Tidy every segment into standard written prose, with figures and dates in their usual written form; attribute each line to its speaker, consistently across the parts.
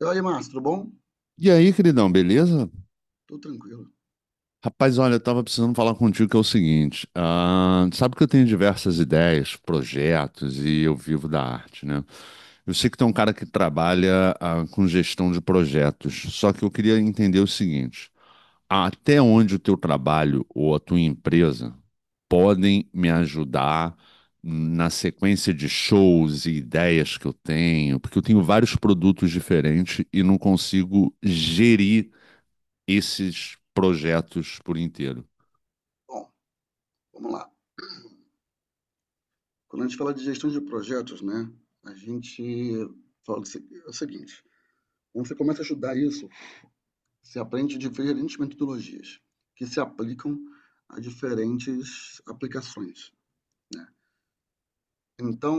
Speaker 1: E aí, Márcio, tudo bom?
Speaker 2: E aí, queridão, beleza?
Speaker 1: Tudo tranquilo.
Speaker 2: Rapaz, olha, eu tava precisando falar contigo que é o seguinte, sabe que eu tenho diversas ideias, projetos e eu vivo da arte, né? Eu sei que tem um cara que trabalha, com gestão de projetos, só que eu queria entender o seguinte, até onde o teu trabalho ou a tua empresa podem me ajudar na sequência de shows e ideias que eu tenho, porque eu tenho vários produtos diferentes e não consigo gerir esses projetos por inteiro.
Speaker 1: Bom, vamos lá. Quando a gente fala de gestão de projetos, né, a gente fala do se- é o seguinte: quando você começa a estudar isso, você aprende diferentes metodologias que se aplicam a diferentes aplicações. Então,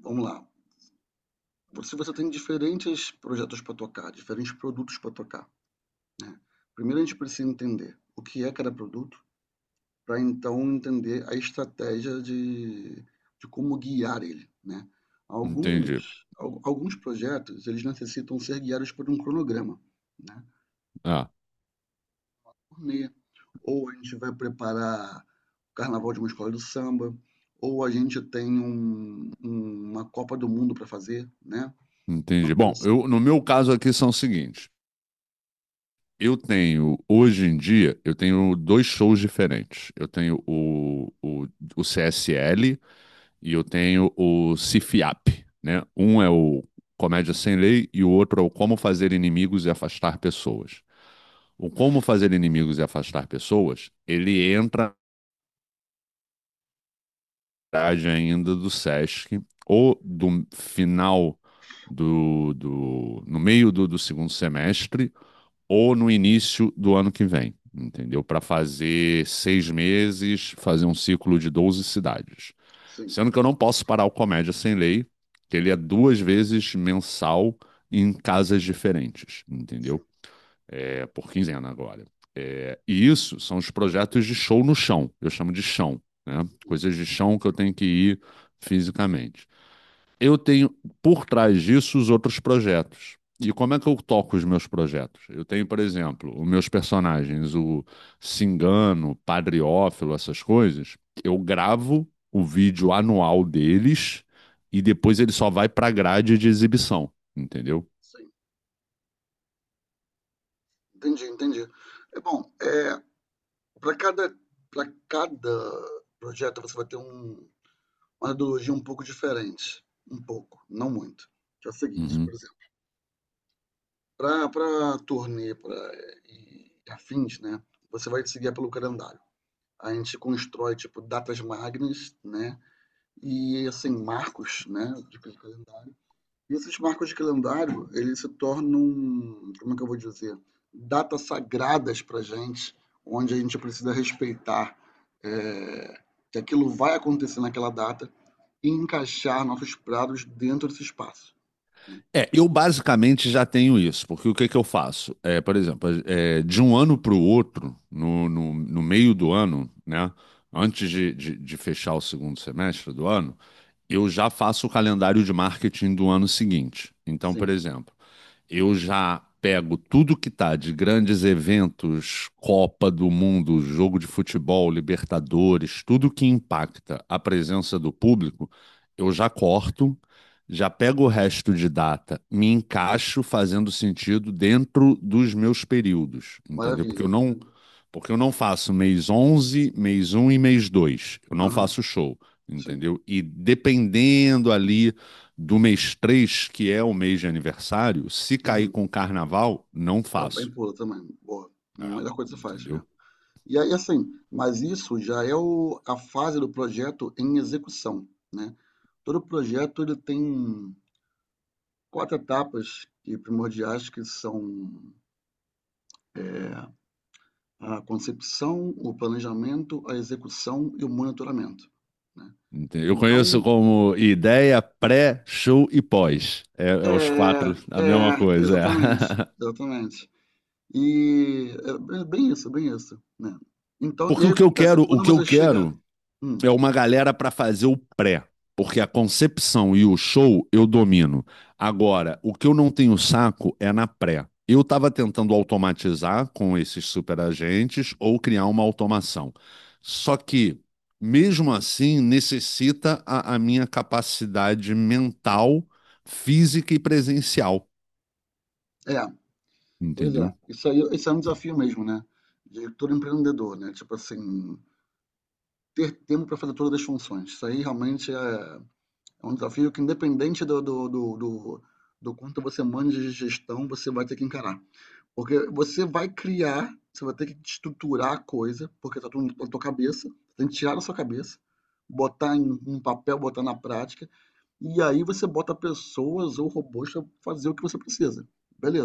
Speaker 1: vamos lá. Se você tem diferentes projetos para tocar, diferentes produtos para tocar, né? Primeiro a gente precisa entender o que é cada produto, para então entender a estratégia de como guiar ele, né?
Speaker 2: Entendi.
Speaker 1: Alguns projetos, eles necessitam ser guiados por um cronograma, né?
Speaker 2: Ah,
Speaker 1: Turnê, ou a gente vai preparar o carnaval de uma escola do samba, ou a gente tem uma Copa do Mundo para fazer, né? Uma
Speaker 2: entendi.
Speaker 1: coisa
Speaker 2: Bom,
Speaker 1: assim.
Speaker 2: eu, no meu caso aqui são os seguintes. Eu tenho, hoje em dia, eu tenho dois shows diferentes. Eu tenho o CSL e eu tenho o CIFIAP, né? Um é o Comédia Sem Lei e o outro é o Como Fazer Inimigos e Afastar Pessoas. O Como Fazer Inimigos e Afastar Pessoas, ele entra grade ainda do Sesc, ou do final do no meio do segundo semestre, ou no início do ano que vem, entendeu? Para fazer 6 meses, fazer um ciclo de 12 cidades.
Speaker 1: Sim,
Speaker 2: Sendo que eu não posso parar o Comédia Sem Lei, que ele é 2 vezes mensal em casas diferentes, entendeu?
Speaker 1: sim,
Speaker 2: É por quinzena agora. E isso são os projetos de show no chão, eu chamo de chão, né? Coisas de chão que eu tenho que ir fisicamente. Eu tenho por trás disso os outros projetos. E como é que eu toco os meus projetos? Eu tenho, por exemplo, os meus personagens, o Cingano, Padriófilo, essas coisas. Eu gravo o vídeo anual deles e depois ele só vai para a grade de exibição, entendeu?
Speaker 1: sim. Entendi, entendi. É bom, é, para cada, para cada projeto você vai ter um, uma metodologia um pouco diferente. Um pouco, não muito. Que é o seguinte, por
Speaker 2: Uhum.
Speaker 1: exemplo, para turnê pra, e afins, né? Você vai se guiar pelo calendário. A gente constrói, tipo, datas magnas, né? E, assim, marcos, né? De calendário. E esses marcos de calendário, eles se tornam, um, como é que eu vou dizer? Datas sagradas pra gente, onde a gente precisa respeitar é, que aquilo vai acontecer naquela data e encaixar nossos pratos dentro desse espaço, né?
Speaker 2: É, eu basicamente já tenho isso, porque o que que eu faço? É, por exemplo, é, de um ano para o outro, no meio do ano, né? Antes de fechar o segundo semestre do ano, eu já faço o calendário de marketing do ano seguinte. Então, por
Speaker 1: Sim,
Speaker 2: exemplo, eu já pego tudo que tá de grandes eventos, Copa do Mundo, jogo de futebol, Libertadores, tudo que impacta a presença do público, eu já corto, já pego o resto de data, me encaixo fazendo sentido dentro dos meus períodos, entendeu? Porque
Speaker 1: maravilha.
Speaker 2: eu não, porque eu não faço mês 11, mês 1 e mês 2, eu não
Speaker 1: Aham,
Speaker 2: faço show,
Speaker 1: sim.
Speaker 2: entendeu? E dependendo ali do mês 3 que é o mês de aniversário, se cair
Speaker 1: Uhum.
Speaker 2: com carnaval, não
Speaker 1: Tá bem,
Speaker 2: faço.
Speaker 1: pula também. Boa.
Speaker 2: É,
Speaker 1: Melhor coisa que você faz mesmo.
Speaker 2: entendeu?
Speaker 1: E aí, assim, mas isso já é a fase do projeto em execução, né? Todo projeto ele tem quatro etapas primordiais que são a concepção, o planejamento, a execução e o monitoramento, né?
Speaker 2: Eu conheço
Speaker 1: Então,
Speaker 2: como ideia pré, show e pós. É, é
Speaker 1: é,
Speaker 2: os quatro, a mesma
Speaker 1: é,
Speaker 2: coisa.
Speaker 1: exatamente,
Speaker 2: É.
Speaker 1: exatamente. E é bem isso, né? Então, e
Speaker 2: Porque
Speaker 1: aí acontece, é
Speaker 2: o
Speaker 1: quando
Speaker 2: que eu
Speaker 1: você chega.
Speaker 2: quero
Speaker 1: Hum,
Speaker 2: é uma galera para fazer o pré, porque a concepção e o show eu domino. Agora, o que eu não tenho saco é na pré. Eu estava tentando automatizar com esses superagentes ou criar uma automação. Só que, mesmo assim, necessita a minha capacidade mental, física e presencial,
Speaker 1: é, pois é.
Speaker 2: entendeu?
Speaker 1: Isso aí, isso é um desafio mesmo, né? De todo empreendedor, né? Tipo assim, ter tempo para fazer todas as funções. Isso aí realmente é é um desafio que, independente do quanto você manja de gestão, você vai ter que encarar. Porque você vai criar, você vai ter que estruturar a coisa, porque tá tudo na tua cabeça, tem que tirar da sua cabeça, botar em um papel, botar na prática. E aí você bota pessoas ou robôs para fazer o que você precisa.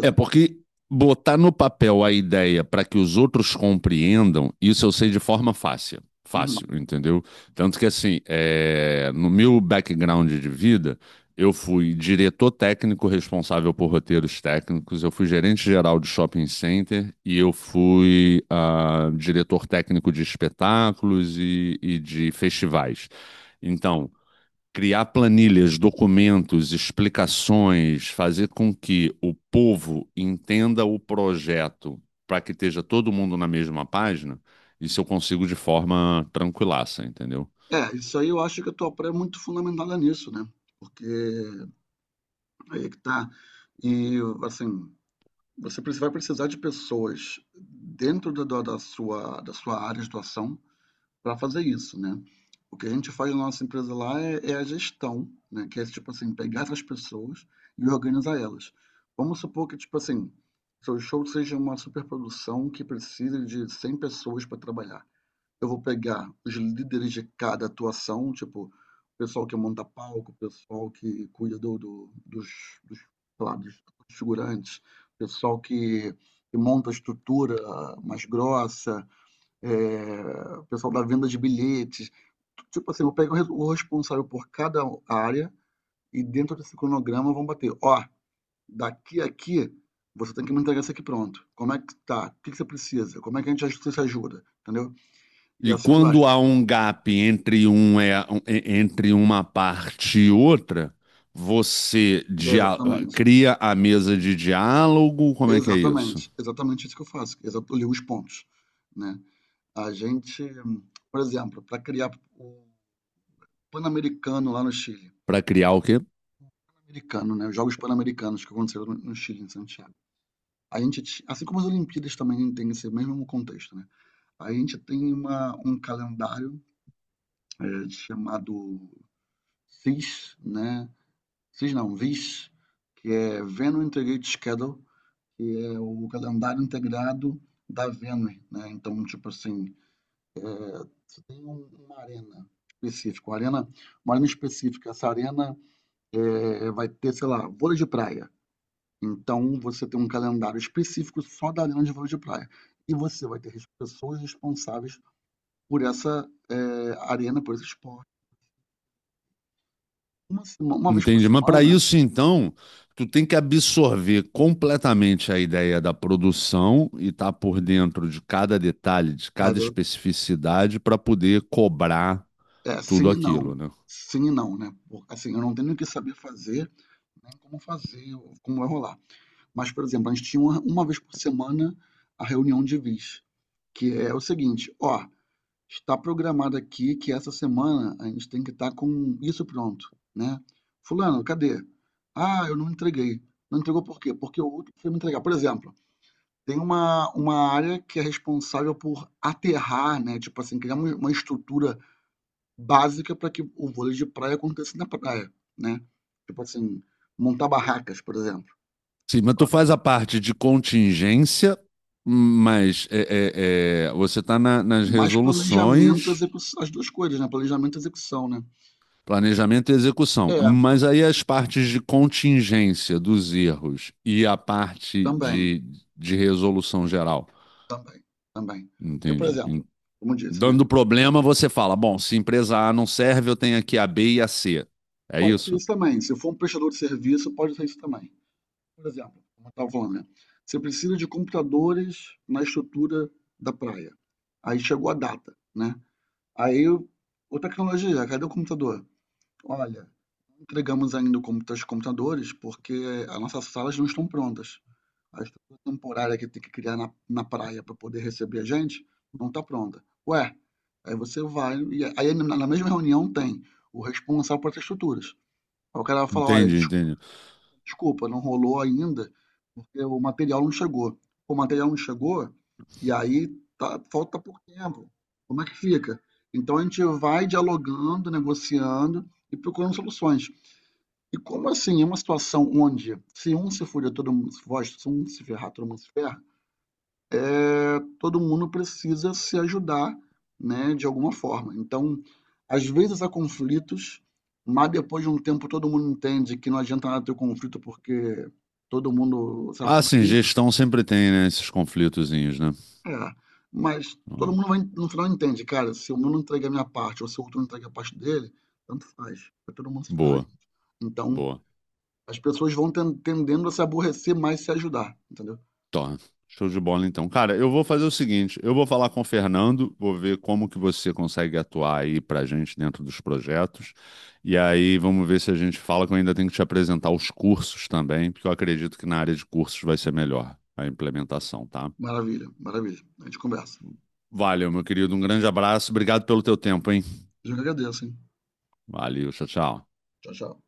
Speaker 2: É porque botar no papel a ideia para que os outros compreendam, isso eu sei de forma fácil. Fácil,
Speaker 1: Uhum.
Speaker 2: entendeu? Tanto que, assim, é, no meu background de vida, eu fui diretor técnico responsável por roteiros técnicos, eu fui gerente geral de shopping center e eu fui diretor técnico de espetáculos e de festivais. Então, criar planilhas, documentos, explicações, fazer com que o povo entenda o projeto para que esteja todo mundo na mesma página, isso eu consigo de forma tranquilaça, entendeu?
Speaker 1: É, isso aí eu acho que a tua pré é muito fundamentada nisso, né? Porque aí é que tá. E assim, vai precisar de pessoas dentro da sua área de atuação para fazer isso, né? O que a gente faz na nossa empresa lá é, é a gestão, né? Que é tipo assim, pegar essas pessoas e organizar elas. Vamos supor que, tipo assim, seu show seja uma superprodução que precisa de 100 pessoas para trabalhar. Eu vou pegar os líderes de cada atuação, tipo, o pessoal que monta palco, o pessoal que cuida sei lá, dos figurantes, o pessoal que, que monta a estrutura mais grossa, é, o pessoal da venda de bilhetes. Tipo assim, eu pego o responsável por cada área e dentro desse cronograma vão bater. Ó, daqui a aqui, você tem que me entregar isso aqui pronto. Como é que tá? O que que você precisa? Como é que você se ajuda? Entendeu? E
Speaker 2: E
Speaker 1: assim vai.
Speaker 2: quando há um gap entre, entre uma parte e outra, você dia-
Speaker 1: Exatamente.
Speaker 2: cria a mesa de diálogo, como é que é isso?
Speaker 1: Exatamente. Exatamente isso que eu faço. Eu ligo os pontos, né? A gente, por exemplo, para criar o Pan-Americano lá no Chile.
Speaker 2: Para criar o quê?
Speaker 1: Pan-Americano, né? Os Jogos Pan-Americanos que aconteceram no Chile, em Santiago. A gente ti assim como as Olimpíadas também tem esse mesmo contexto, né. A gente tem uma um calendário, chamado VIS, né, VIS não, VIS, que é Venus Integrated Schedule, que é o calendário integrado da Venus, né. Então, tipo assim, você tem uma arena específica, uma arena específica, essa arena, vai ter, sei lá, vôlei de praia. Então, você tem um calendário específico só da arena de vôlei de praia. E você vai ter as pessoas responsáveis por essa, arena, por esse esporte. Uma vez por
Speaker 2: Entendi. Mas para
Speaker 1: semana,
Speaker 2: isso, então, tu tem que absorver completamente a ideia da produção e estar por dentro de cada detalhe, de cada
Speaker 1: cada
Speaker 2: especificidade, para poder cobrar
Speaker 1: é,
Speaker 2: tudo
Speaker 1: sim e não.
Speaker 2: aquilo, né?
Speaker 1: Sim e não, né. Por assim, eu não tenho nem o que saber fazer, nem como fazer, ou como vai rolar. Mas, por exemplo, a gente tinha uma vez por semana a reunião de vice, que é o seguinte: "Ó, está programado aqui que essa semana a gente tem que estar com isso pronto, né? Fulano, cadê? Ah, eu não entreguei. Não entregou por quê? Porque o outro foi me entregar. Por exemplo, tem uma área que é responsável por aterrar, né? Tipo assim, criar uma estrutura básica para que o vôlei de praia aconteça na praia, né? Tipo assim, montar barracas, por exemplo.
Speaker 2: Sim, mas tu faz a parte de contingência, mas você está nas
Speaker 1: Mas planejamento,
Speaker 2: resoluções,
Speaker 1: execução, as duas coisas, né? Planejamento e execução, né? Porque-
Speaker 2: planejamento e execução.
Speaker 1: é, por-
Speaker 2: Mas aí as partes de contingência dos erros e a parte
Speaker 1: também.
Speaker 2: de resolução geral.
Speaker 1: Também, também. Porque, por
Speaker 2: Entende?
Speaker 1: exemplo, como eu disse, né,
Speaker 2: Dando problema, você fala: bom, se empresa A não serve, eu tenho aqui a B e a C. É
Speaker 1: pode ser
Speaker 2: isso?
Speaker 1: isso também, se for um prestador de serviço, pode ser isso também. Por exemplo, como eu estava falando, né, você precisa de computadores na estrutura da praia. Aí chegou a data, né? Aí, ô tecnologia, cadê o computador? Olha, entregamos ainda os computadores porque as nossas salas não estão prontas. A estrutura temporária que tem que criar na praia para poder receber a gente não está pronta. Ué, aí você vai, e aí na mesma reunião tem o responsável por essas estruturas. Aí o cara vai falar: olha,
Speaker 2: Entendi, entendi.
Speaker 1: desculpa, não rolou ainda porque o material não chegou. O material não chegou e aí tá, falta pouco tempo. Como é que fica? Então a gente vai dialogando, negociando e procurando soluções. E como assim, é uma situação onde se um se fuder, todo mundo se fode, se um se ferrar, todo mundo se ferra, eh, todo mundo precisa se ajudar, né, de alguma forma. Então, às vezes há conflitos, mas depois de um tempo todo mundo entende que não adianta nada ter o conflito porque todo mundo se
Speaker 2: Ah,
Speaker 1: afunda
Speaker 2: sim,
Speaker 1: junto.
Speaker 2: gestão sempre tem, né, esses conflitozinhos, né?
Speaker 1: É, mas todo
Speaker 2: Ó,
Speaker 1: mundo vai, no final entende, cara, se eu não entregar a minha parte ou se o outro não entrega a parte dele, tanto faz, vai todo mundo se ferrar
Speaker 2: boa,
Speaker 1: junto. Então,
Speaker 2: boa.
Speaker 1: as pessoas vão tendendo a se aborrecer mais e se ajudar, entendeu?
Speaker 2: Tá, show de bola então. Cara, eu vou fazer o seguinte, eu vou falar com o Fernando, vou ver como que você consegue atuar aí pra gente dentro dos projetos, e aí vamos ver se a gente fala que eu ainda tenho que te apresentar os cursos também, porque eu acredito que na área de cursos vai ser melhor a implementação, tá?
Speaker 1: Maravilha, maravilha. A gente conversa.
Speaker 2: Valeu, meu querido, um grande abraço, obrigado pelo teu tempo, hein?
Speaker 1: Eu que agradeço, hein?
Speaker 2: Valeu, tchau, tchau.
Speaker 1: Tchau, tchau.